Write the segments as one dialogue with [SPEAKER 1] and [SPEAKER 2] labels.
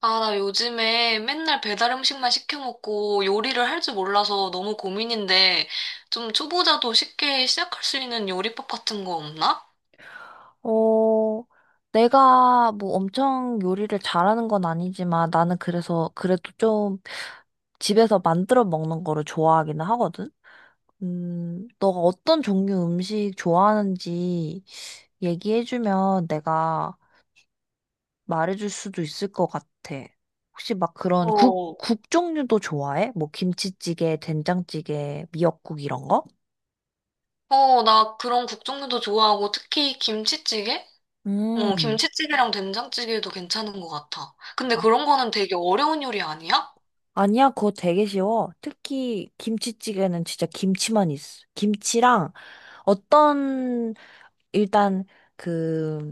[SPEAKER 1] 아, 나 요즘에 맨날 배달 음식만 시켜 먹고 요리를 할 줄 몰라서 너무 고민인데 좀 초보자도 쉽게 시작할 수 있는 요리법 같은 거 없나?
[SPEAKER 2] 어, 내가 뭐 엄청 요리를 잘하는 건 아니지만 나는 그래서 그래도 좀 집에서 만들어 먹는 거를 좋아하기는 하거든? 너가 어떤 종류 음식 좋아하는지 얘기해주면 내가 말해줄 수도 있을 것 같아. 혹시 막 그런 국,
[SPEAKER 1] 어,
[SPEAKER 2] 국 종류도 좋아해? 뭐 김치찌개, 된장찌개, 미역국 이런 거?
[SPEAKER 1] 어, 나 그런 국 종류도 좋아하고 특히 김치찌개? 어,
[SPEAKER 2] 음.
[SPEAKER 1] 김치찌개랑 된장찌개도 괜찮은 것 같아. 근데 그런 거는 되게 어려운 요리 아니야?
[SPEAKER 2] 아니야, 그거 되게 쉬워. 특히 김치찌개는 진짜 김치만 있어. 김치랑 어떤 일단 그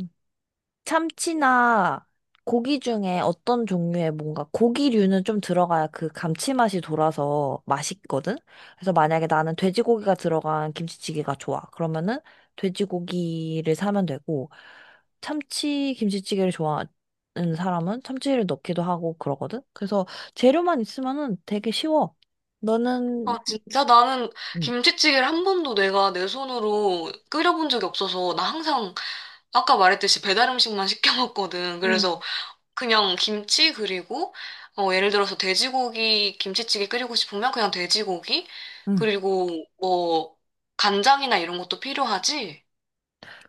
[SPEAKER 2] 참치나 고기 중에 어떤 종류의 뭔가 고기류는 좀 들어가야 그 감칠맛이 돌아서 맛있거든? 그래서 만약에 나는 돼지고기가 들어간 김치찌개가 좋아. 그러면은 돼지고기를 사면 되고, 참치 김치찌개를 좋아하는 사람은 참치를 넣기도 하고 그러거든? 그래서 재료만 있으면은 되게 쉬워. 너는,
[SPEAKER 1] 아, 진짜 나는
[SPEAKER 2] 응,
[SPEAKER 1] 김치찌개를 한 번도 내가 내 손으로 끓여본 적이 없어서 나 항상 아까 말했듯이 배달 음식만 시켜 먹거든. 그래서 그냥 김치 그리고 어, 예를 들어서 돼지고기 김치찌개 끓이고 싶으면 그냥 돼지고기
[SPEAKER 2] 응
[SPEAKER 1] 그리고 뭐 간장이나 이런 것도 필요하지?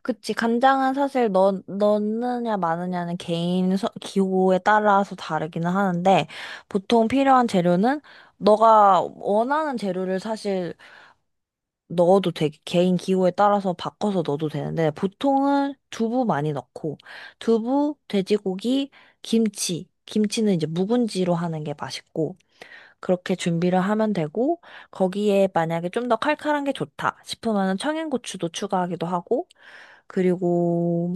[SPEAKER 2] 그치, 간장은 사실 넣느냐 마느냐는 개인 기호에 따라서 다르기는 하는데, 보통 필요한 재료는 너가 원하는 재료를 사실 넣어도 되, 개인 기호에 따라서 바꿔서 넣어도 되는데, 보통은 두부 많이 넣고, 두부, 돼지고기, 김치. 김치는 이제 묵은지로 하는 게 맛있고, 그렇게 준비를 하면 되고, 거기에 만약에 좀 더 칼칼한 게 좋다 싶으면 청양고추도 추가하기도 하고, 그리고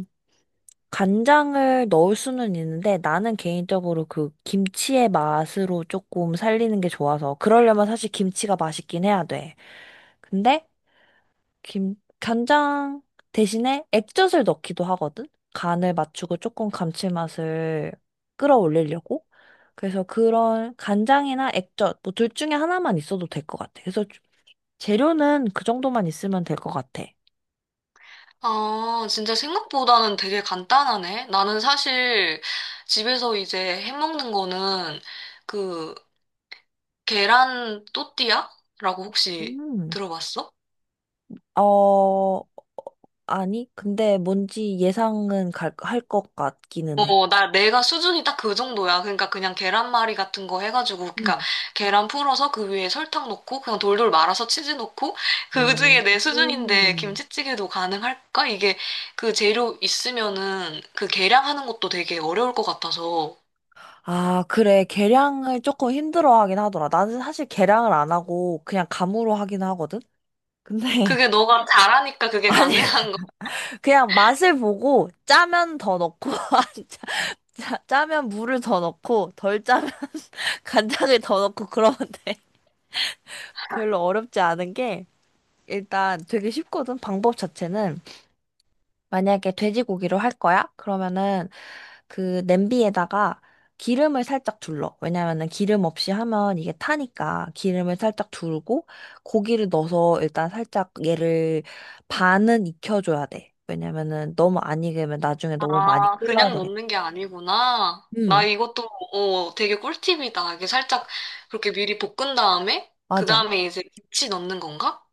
[SPEAKER 2] 간장을 넣을 수는 있는데 나는 개인적으로 그 김치의 맛으로 조금 살리는 게 좋아서 그러려면 사실 김치가 맛있긴 해야 돼. 근데 김 간장 대신에 액젓을 넣기도 하거든. 간을 맞추고 조금 감칠맛을 끌어올리려고. 그래서 그런 간장이나 액젓 뭐 둘 중에 하나만 있어도 될 것 같아. 그래서 재료는 그 정도만 있으면 될 것 같아.
[SPEAKER 1] 아, 진짜 생각보다는 되게 간단하네. 나는 사실 집에서 이제 해 먹는 거는 그 계란 또띠아라고 혹시
[SPEAKER 2] 음.
[SPEAKER 1] 들어봤어?
[SPEAKER 2] 어, 아니, 근데 뭔지 예상은 할 것 같기는 해.
[SPEAKER 1] 어, 내가 수준이 딱 그 정도야. 그러니까 그냥 계란말이 같은 거 해가지고, 그러니까
[SPEAKER 2] 응.
[SPEAKER 1] 계란 풀어서 그 위에 설탕 넣고, 그냥 돌돌 말아서 치즈 넣고, 그 중에 내 수준인데
[SPEAKER 2] 음.
[SPEAKER 1] 김치찌개도 가능할까? 이게 그 재료 있으면은 그 계량하는 것도 되게 어려울 것 같아서.
[SPEAKER 2] 아, 그래. 계량을 조금 힘들어 하긴 하더라. 나는 사실 계량을 안 하고 그냥 감으로 하긴 하거든? 근데,
[SPEAKER 1] 그게 너가 잘하니까 그게
[SPEAKER 2] 아니,
[SPEAKER 1] 가능한 거.
[SPEAKER 2] 그냥 맛을 보고 짜면 더 넣고, 짜, 짜면 물을 더 넣고, 덜 짜면 간장을 더 넣고 그러면 돼. 별로 어렵지 않은 게, 일단 되게 쉽거든, 방법 자체는. 만약에 돼지고기로 할 거야? 그러면은 그 냄비에다가 기름을 살짝 둘러. 왜냐면은 기름 없이 하면 이게 타니까 기름을 살짝 두르고 고기를 넣어서 일단 살짝 얘를 반은 익혀줘야 돼. 왜냐면은 너무 안 익으면 나중에 너무 많이
[SPEAKER 1] 아,
[SPEAKER 2] 끓여야
[SPEAKER 1] 그냥
[SPEAKER 2] 되겠다.
[SPEAKER 1] 넣는 게 아니구나. 나
[SPEAKER 2] 음,
[SPEAKER 1] 이것도, 어, 되게 꿀팁이다. 이게 살짝 그렇게 미리 볶은 다음에, 그
[SPEAKER 2] 맞아.
[SPEAKER 1] 다음에 이제 김치 넣는 건가?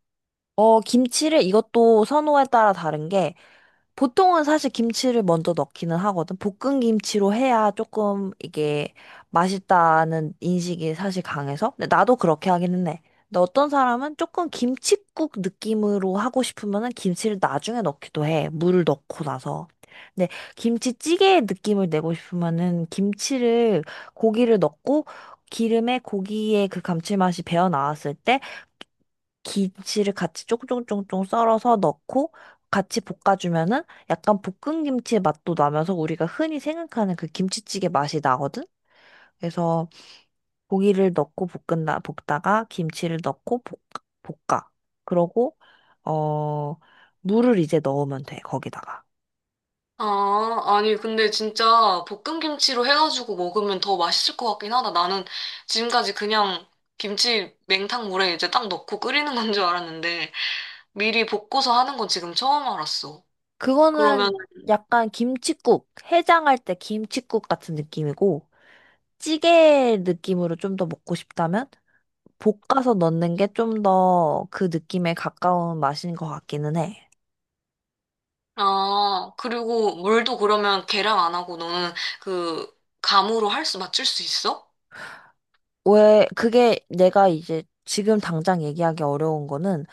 [SPEAKER 2] 어, 김치를 이것도 선호에 따라 다른 게 보통은 사실 김치를 먼저 넣기는 하거든. 볶은 김치로 해야 조금 이게 맛있다는 인식이 사실 강해서. 근데 나도 그렇게 하기는 해. 근데 어떤 사람은 조금 김칫국 느낌으로 하고 싶으면은 김치를 나중에 넣기도 해. 물을 넣고 나서. 근데 김치찌개의 느낌을 내고 싶으면은 김치를 고기를 넣고 기름에 고기의 그 감칠맛이 배어 나왔을 때 김치를 같이 쫑쫑쫑쫑 썰어서 넣고 같이 볶아주면은 약간 볶은 김치의 맛도 나면서 우리가 흔히 생각하는 그 김치찌개 맛이 나거든? 그래서 고기를 넣고 볶은다, 볶다가 김치를 넣고 볶아. 그러고, 어, 물을 이제 넣으면 돼, 거기다가.
[SPEAKER 1] 아, 아니, 근데 진짜 볶음김치로 해가지고 먹으면 더 맛있을 것 같긴 하다. 나는 지금까지 그냥 김치 냉탕물에 이제 딱 넣고 끓이는 건 줄 알았는데, 미리 볶고서 하는 건 지금 처음 알았어.
[SPEAKER 2] 그거는
[SPEAKER 1] 그러면,
[SPEAKER 2] 약간 김칫국, 해장할 때 김칫국 같은 느낌이고, 찌개 느낌으로 좀 더 먹고 싶다면, 볶아서 넣는 게 좀 더 그 느낌에 가까운 맛인 것 같기는 해.
[SPEAKER 1] 아, 그리고 물도 그러면 계량 안 하고 너는 그 감으로 할 수, 맞출 수 있어?
[SPEAKER 2] 왜, 그게 내가 이제 지금 당장 얘기하기 어려운 거는,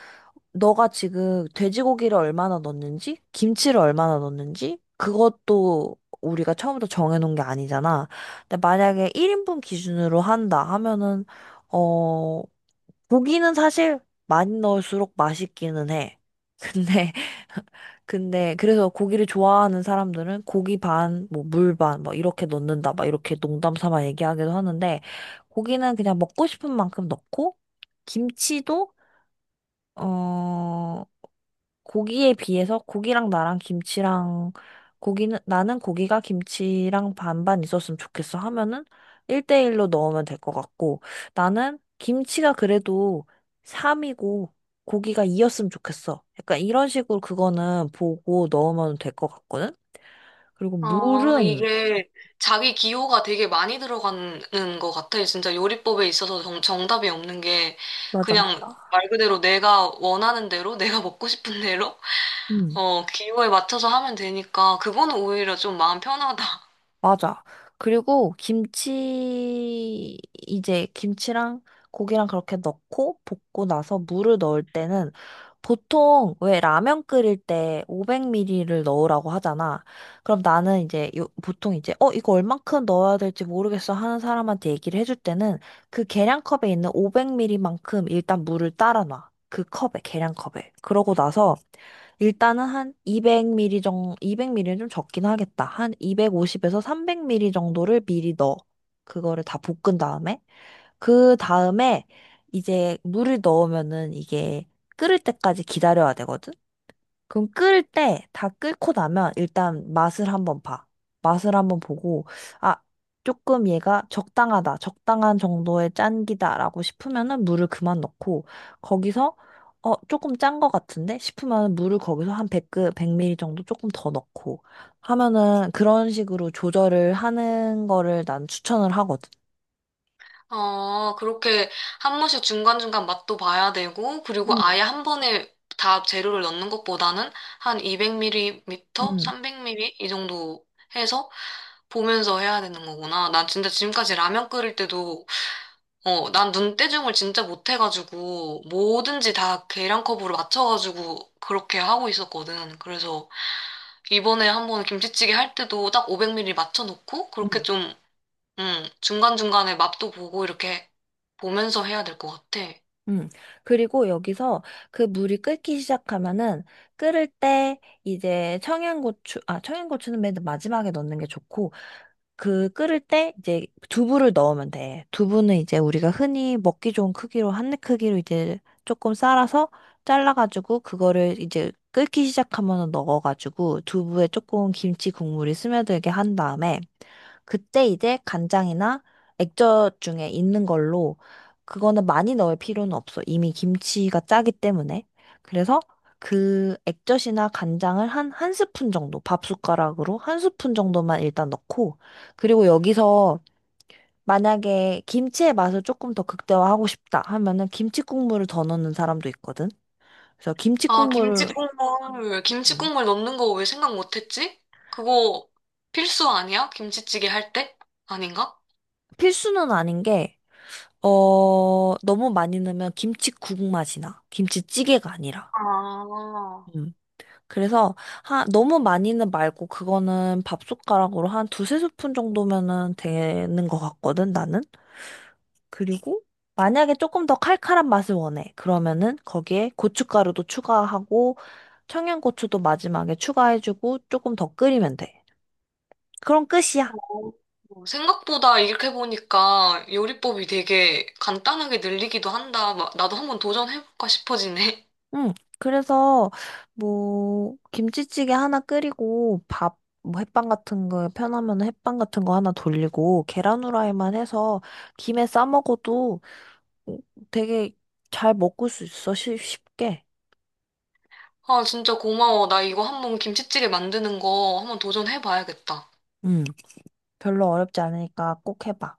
[SPEAKER 2] 너가 지금 돼지고기를 얼마나 넣는지, 김치를 얼마나 넣는지, 그것도 우리가 처음부터 정해놓은 게 아니잖아. 근데 만약에 1인분 기준으로 한다 하면은, 어, 고기는 사실 많이 넣을수록 맛있기는 해. 근데 근데 그래서 고기를 좋아하는 사람들은 고기 반, 뭐 물 반, 뭐 이렇게 넣는다, 막 이렇게 농담 삼아 얘기하기도 하는데 고기는 그냥 먹고 싶은 만큼 넣고 김치도 어 고기에 비해서 고기랑 나랑 김치랑 고기는 나는 고기가 김치랑 반반 있었으면 좋겠어 하면은 1대1로 넣으면 될 것 같고 나는 김치가 그래도 3이고 고기가 2였으면 좋겠어. 약간 이런 식으로 그거는 보고 넣으면 될 것 같거든. 그리고
[SPEAKER 1] 아,
[SPEAKER 2] 물은
[SPEAKER 1] 이게 자기 기호가 되게 많이 들어가는 것 같아. 진짜 요리법에 있어서 정답이 없는 게
[SPEAKER 2] 맞아
[SPEAKER 1] 그냥
[SPEAKER 2] 맞아.
[SPEAKER 1] 말 그대로 내가 원하는 대로, 내가 먹고 싶은 대로, 어, 기호에 맞춰서 하면 되니까 그거는 오히려 좀 마음 편하다.
[SPEAKER 2] 맞아. 그리고 김치, 이제 김치랑 고기랑 그렇게 넣고 볶고 나서 물을 넣을 때는 보통 왜 라면 끓일 때 500ml를 넣으라고 하잖아. 그럼 나는 이제 요, 보통 이제 어, 이거 얼만큼 넣어야 될지 모르겠어 하는 사람한테 얘기를 해줄 때는 그 계량컵에 있는 500ml만큼 일단 물을 따라 놔. 그 컵에, 계량컵에. 그러고 나서 일단은 한 200ml 정도, 200ml는 좀 적긴 하겠다. 한 250에서 300ml 정도를 미리 넣어. 그거를 다 볶은 다음에. 그 다음에 이제 물을 넣으면은 이게 끓을 때까지 기다려야 되거든? 그럼 끓을 때 다 끓고 나면 일단 맛을 한번 봐. 맛을 한번 보고, 아, 조금 얘가 적당하다. 적당한 정도의 짠기다라고 싶으면은 물을 그만 넣고, 거기서, 어, 조금 짠 것 같은데? 싶으면 물을 거기서 한 100, 1리 ml 정도 조금 더 넣고 하면은 그런 식으로 조절을 하는 거를 난 추천을 하거든.
[SPEAKER 1] 어, 그렇게 한 번씩 중간중간 맛도 봐야 되고, 그리고 아예
[SPEAKER 2] 음,
[SPEAKER 1] 한 번에 다 재료를 넣는 것보다는 한 200ml
[SPEAKER 2] 음.
[SPEAKER 1] 300ml 이 정도 해서 보면서 해야 되는 거구나. 난 진짜 지금까지 라면 끓일 때도, 어, 난 눈대중을 진짜 못해가지고, 뭐든지 다 계량컵으로 맞춰가지고, 그렇게 하고 있었거든. 그래서, 이번에 한번 김치찌개 할 때도 딱 500ml 맞춰놓고, 그렇게
[SPEAKER 2] 음.
[SPEAKER 1] 좀, 중간중간에 맛도 보고, 이렇게 보면서 해야 될 것 같아.
[SPEAKER 2] 음. 그리고 여기서 그 물이 끓기 시작하면은 끓을 때 이제 청양고추, 아, 청양고추는 맨 마지막에 넣는 게 좋고 그 끓을 때 이제 두부를 넣으면 돼. 두부는 이제 우리가 흔히 먹기 좋은 크기로 한입 크기로 이제 조금 썰어서 잘라가지고 그거를 이제 끓기 시작하면 넣어가지고 두부에 조금 김치 국물이 스며들게 한 다음에 그때 이제 간장이나 액젓 중에 있는 걸로 그거는 많이 넣을 필요는 없어. 이미 김치가 짜기 때문에. 그래서 그 액젓이나 간장을 한 한 스푼 정도, 밥 숟가락으로 한 스푼 정도만 일단 넣고 그리고 여기서 만약에 김치의 맛을 조금 더 극대화하고 싶다 하면은 김치 국물을 더 넣는 사람도 있거든. 그래서 김치
[SPEAKER 1] 아, 김치
[SPEAKER 2] 국물을
[SPEAKER 1] 국물, 김치
[SPEAKER 2] 음,
[SPEAKER 1] 국물 넣는 거 왜 생각 못했지? 그거 필수 아니야? 김치찌개 할 때? 아닌가?
[SPEAKER 2] 필수는 아닌 게, 어, 너무 많이 넣으면 김치국 맛이 나. 김치찌개가 아니라.
[SPEAKER 1] 아.
[SPEAKER 2] 음. 그래서 하, 너무 많이는 말고 그거는 밥숟가락으로 한 두세 스푼 정도면은 되는 것 같거든, 나는. 그리고 만약에 조금 더 칼칼한 맛을 원해. 그러면은 거기에 고춧가루도 추가하고 청양고추도 마지막에 추가해주고 조금 더 끓이면 돼. 그럼 끝이야.
[SPEAKER 1] 어, 생각보다 이렇게 보니까 요리법이 되게 간단하게 늘리기도 한다. 막 나도 한번 도전해볼까 싶어지네.
[SPEAKER 2] 응. 그래서 뭐 김치찌개 하나 끓이고 밥 뭐 햇반 같은 거 편하면 햇반 같은 거 하나 돌리고 계란 후라이만 해서 김에 싸 먹어도 되게 잘 먹을 수 있어. 쉽게.
[SPEAKER 1] 아, 진짜 고마워. 나 이거 한번 김치찌개 만드는 거 한번 도전해봐야겠다.
[SPEAKER 2] 응. 별로 어렵지 않으니까 꼭 해봐.